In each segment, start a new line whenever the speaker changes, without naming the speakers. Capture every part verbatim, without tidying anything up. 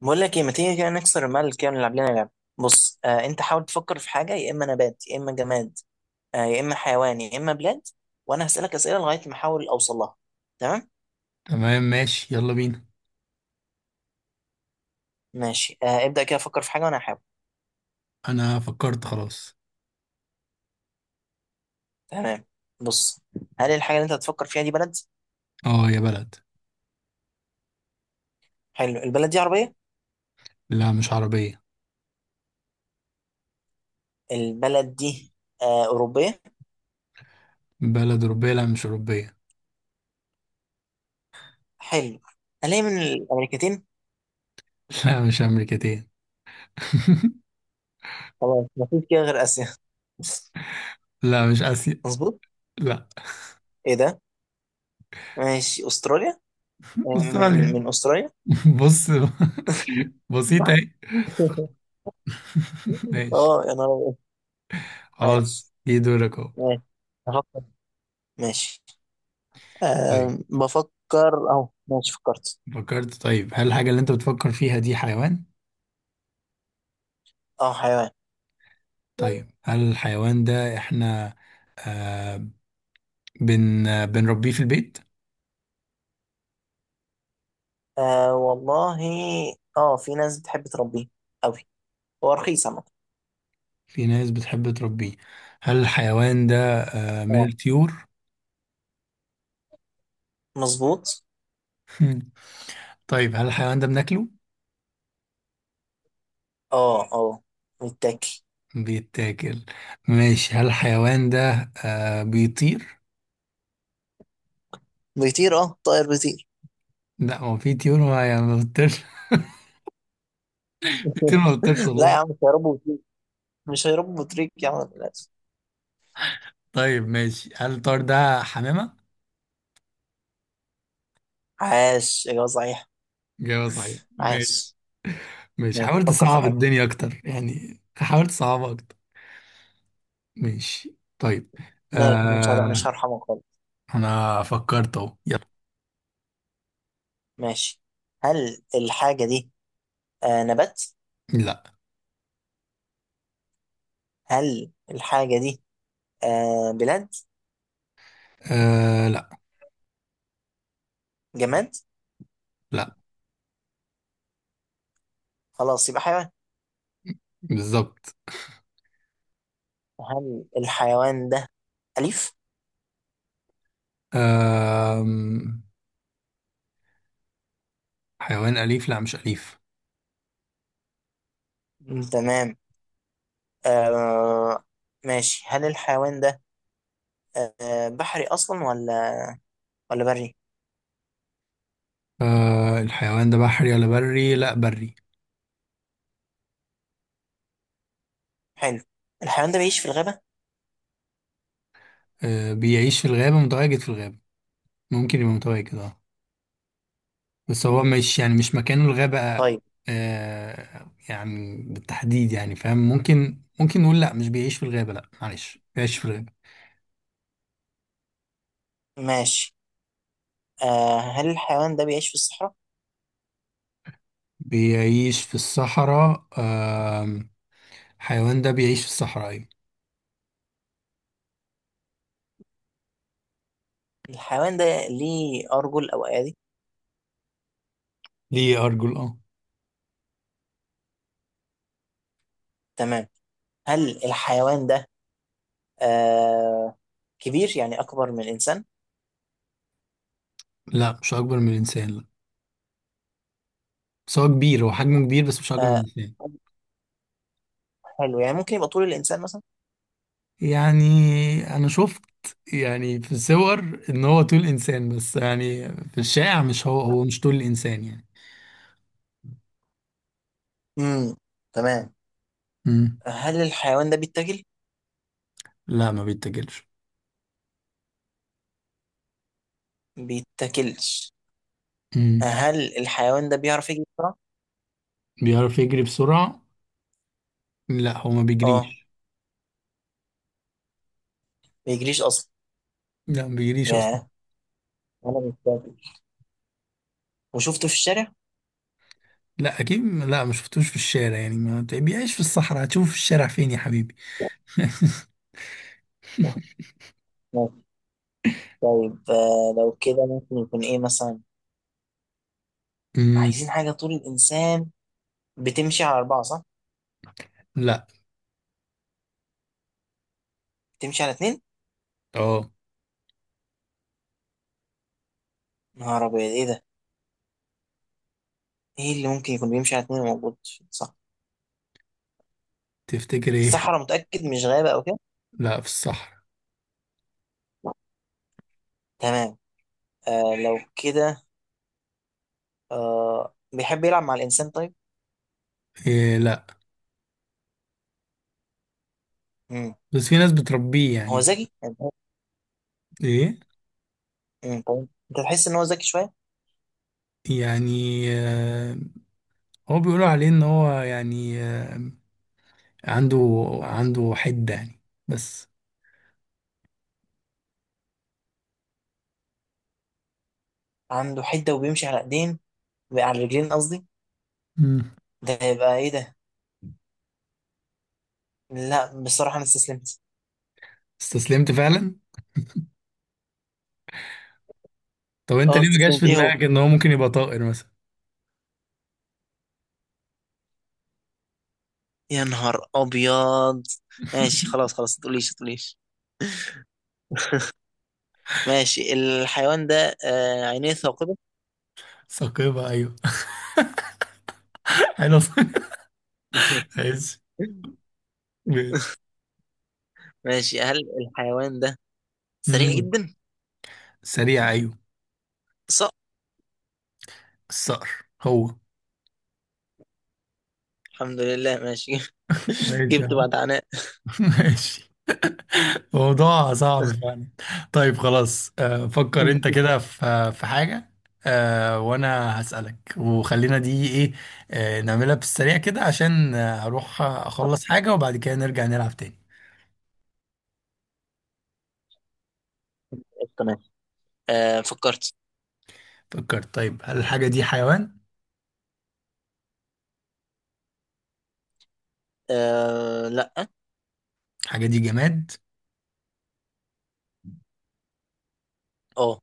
بقول لك ايه، ما تيجي كده نكسر الملل كده ونلعب لنا لعبة؟ بص، آه انت حاول تفكر في حاجة، يا اما نبات يا اما جماد، آه يا اما حيوان يا اما بلاد، وانا هسألك أسئلة لغاية ما احاول اوصل لها. تمام.
تمام، ماشي، يلا بينا.
ماشي، آه ابدأ كده، فكر في حاجة وانا هحاول.
انا فكرت خلاص.
تمام، بص. هل الحاجة اللي انت هتفكر فيها دي بلد؟
اه، يا بلد.
حلو، البلد دي عربية؟
لا، مش عربية.
البلد دي آه أوروبية؟
بلد أوروبية. لا، مش أوروبية.
حلو. هل هي من الأمريكتين؟
لا، مش أمريكتين.
خلاص مفيش كده غير آسيا.
لا، مش آسيا.
مظبوط.
لا.
ايه ده، ماشي أستراليا. آه، من
أستراليا.
من أستراليا.
بص. بسيطة اهي. ماشي.
اه يا نهار أبيض. عادي،
خلاص، جه دورك اهو.
ماشي، بفكر، ماشي،
طيب.
أه بفكر اهو، ماشي فكرت.
فكرت. طيب، هل الحاجة اللي انت بتفكر فيها دي حيوان؟
اه حيوان.
طيب، هل الحيوان ده احنا آه بن بنربيه في البيت؟
أه والله، اه في ناس بتحب تربيه قوي، هو رخيص عامة.
في ناس بتحب تربيه. هل الحيوان ده آه، من
اه
الطيور؟
مظبوط.
مم. طيب، هل الحيوان ده بناكله؟
اه اه متاكل.
بيتاكل. ماشي، هل الحيوان ده آه بيطير؟
بيطير، اه طائر بيطير.
لا، هو في طيور ما يعني ما بتطيرش. في طيور ما بتطيرش
لا يا عم،
والله.
مش هيربوا بطريق، مش هيربوا بطريق يا عم للاسف.
طيب، ماشي، هل الطار ده حمامة؟
عاش، اجابه صحيحه،
جواب صحيح. ماشي.
عاش.
ماشي،
ماشي.
حاولت
فكر في
اصعب
حاجه.
الدنيا اكتر، يعني حاولت اصعبها اكتر. ماشي. طيب.
ماشي، مش هبقى، مش
آه
هرحمك خالص.
انا فكرت اهو، يلا.
ماشي. هل الحاجه دي آه نبات؟
لا.
هل الحاجه دي آه بلاد؟
آه لا.
جماد؟
لا.
خلاص يبقى حيوان.
بالظبط.
هل الحيوان ده أليف؟
آم، حيوان أليف. لا، مش أليف.
مم. تمام. آه ماشي، هل الحيوان ده آه بحري أصلا، ولا ولا بري؟
آه، الحيوان ده بحري ولا بري؟ لا، بري.
حلو. الحيوان ده بيعيش في الغابة؟
آه، بيعيش في الغابة، متواجد في الغابة. ممكن يبقى متواجد، اه. بس هو
مم.
مش، يعني مش مكانه الغابة.
طيب،
آه، يعني بالتحديد، يعني فاهم، ممكن ممكن نقول لا مش بيعيش في الغابة، لا معلش بيعيش في الغابة.
ماشي، آه هل الحيوان ده بيعيش في الصحراء؟
بيعيش في الصحراء، آم، الحيوان ده بيعيش في الصحراء، أيوة.
الحيوان ده ليه أرجل أو أيادي؟
ليه أرجل، اه.
تمام. هل الحيوان ده آه كبير، يعني أكبر من الإنسان؟
لا مش أكبر من الإنسان، لا. بس هو كبير، هو حجمه كبير، بس مش أكبر من
آه،
الإنسان.
حلو، يعني ممكن يبقى طول الإنسان مثلا؟
يعني انا شفت، يعني في الصور، ان هو طول انسان، بس يعني في الشائع مش هو هو مش طول انسان يعني.
امم تمام.
امم.
هل الحيوان ده بيتاكل؟
لا ما بيتاكلش.
بيتاكلش.
امم.
هل الحيوان ده بيعرف يجري بسرعة؟
بيعرف يجري بسرعة. لا، هو ما
اه
بيجريش.
بيجريش أصلا.
لا ما بيجريش اصلا.
ياه، ولا بيتاكل وشفته في الشارع؟
لا، اكيد لا، ما شفتوش في الشارع. يعني ما بيعيش في الصحراء، هتشوفه في الشارع فين يا حبيبي؟
آه، ماشي. طيب، آه، لو كده ممكن يكون ايه مثلا؟
امم.
عايزين حاجة طول الإنسان، بتمشي على أربعة صح؟
لا.
بتمشي على اتنين؟
اه.
نهار أبيض، ايه ده؟ ايه اللي ممكن يكون بيمشي على اتنين موجود؟ صح،
تفتكر ايه؟
الصحراء، متأكد مش غابة أو كده؟
لا، في الصحراء.
تمام. آه لو كده، آه بيحب يلعب مع الإنسان طيب؟
إيه، لا.
مم.
بس في ناس بتربيه
هو
يعني.
ذكي؟
ايه.
مم. طيب. انت تحس ان هو ذكي شويه،
يعني، آه، هو بيقولوا عليه ان هو يعني، آه، عنده عنده حدة يعني، بس.
عنده حده وبيمشي على ايدين، على الرجلين قصدي.
امم.
ده هيبقى ايه ده؟ لا بصراحه انا استسلمت.
استسلمت فعلا. طب انت
اه
ليه ما جاش
استسلمت،
في
ايه هو،
دماغك ان هو ممكن يبقى طائر مثلا؟
يا نهار ابيض. ماشي، خلاص خلاص، ما تقوليش ما تقوليش. ماشي، الحيوان ده آه عينيه ثاقبه.
ثقيبة، أيوه. حلو. ماشي. ماشي.
ماشي، هل الحيوان ده سريع
امم.
جدا؟
سريع، ايوه.
صح،
الصقر هو.
الحمد لله، ماشي.
ماشي يا
جبت
عم.
بعد عناء.
ماشي. موضوع صعب فعلا. طيب خلاص، آه، فكر انت كده في في حاجة، آه، وانا هسألك، وخلينا دي ايه، آه، نعملها بالسريع كده عشان آه، هروح اخلص حاجة وبعد كده نرجع نلعب تاني.
قشطة، ماشي. آه فكرت.
فكرت. طيب، هل الحاجة دي حيوان؟
آه لا.
الحاجة دي جماد؟
اه.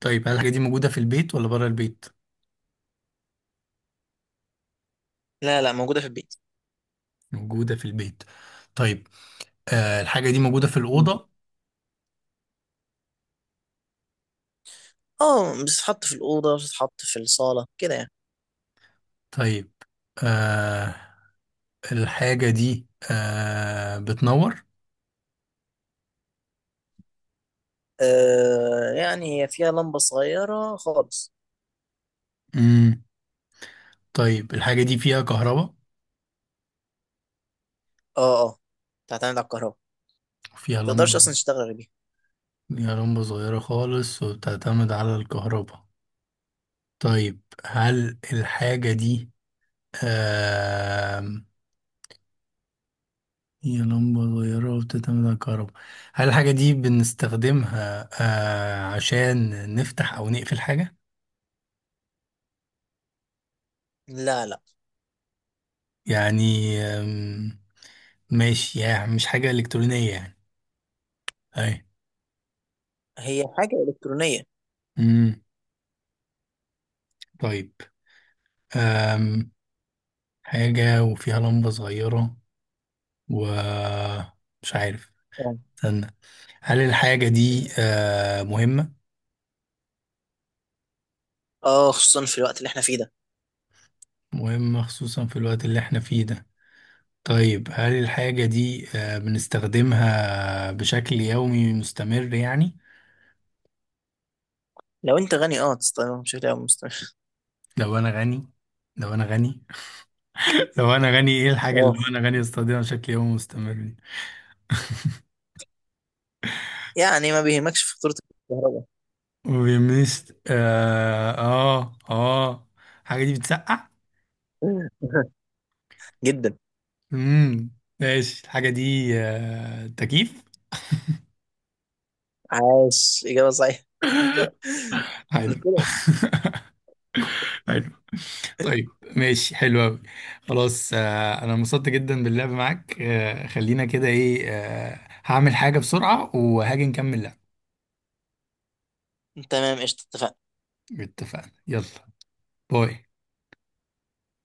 طيب، هل الحاجة دي موجودة في البيت ولا بره البيت؟
لا لا، موجوده في البيت.
موجودة في البيت. طيب، آه، الحاجة دي موجودة في الأوضة؟
اه بتتحط في الأوضة، بتتحط في الصالة كده يعني.
طيب، آه، الحاجة دي آه، بتنور؟
آه، يعني هي فيها لمبة صغيرة خالص.
مم. طيب، الحاجة دي فيها كهرباء
اه اه، تعتمد على الكهرباء،
وفيها
متقدرش
لمبة.
أصلا تشتغل غير بيها.
فيها لمبة صغيرة خالص وبتعتمد على الكهرباء. طيب، هل الحاجة دي آم، هي لمبة صغيرة وبتعتمد على الكهرباء؟ هل الحاجة دي بنستخدمها آه، عشان نفتح أو نقفل حاجة؟
لا لا،
يعني، آم، ماشي، يعني مش حاجة إلكترونية يعني. أي.
هي حاجة إلكترونية.
مم، طيب، آم، حاجة وفيها لمبة صغيرة ومش عارف.
اه.
استنى. هل الحاجة دي آه، مهمة؟
آه، خصوصا في الوقت اللي احنا فيه ده.
مهمة، خصوصا في الوقت اللي احنا فيه ده. طيب، هل الحاجة دي آه، بنستخدمها بشكل يومي مستمر يعني؟
لو انت غني اه تستخدمها بشكل او مستمر.
لو أنا غني، لو أنا غني. لو أنا غني، إيه الحاجة اللي
اه
لو أنا غني أستخدمها بشكل يومي مستمر دي؟
يعني ما بيهمكش فاتورة الكهرباء.
وبيمست آه آه آه الحاجة دي بتسقع؟
جدا.
مم. ماشي، الحاجة دي آه، تكييف؟
عاش إجابة صحيحة.
حلو.
قلت لك.
طيب، ماشي، حلو أوي. خلاص، آه، أنا انبسطت جدا باللعب معاك، آه، خلينا كده إيه، آه، هعمل حاجة بسرعة وهاجي نكمل لعب.
تمام قشطة، اتفقنا.
اتفقنا، يلا. باي.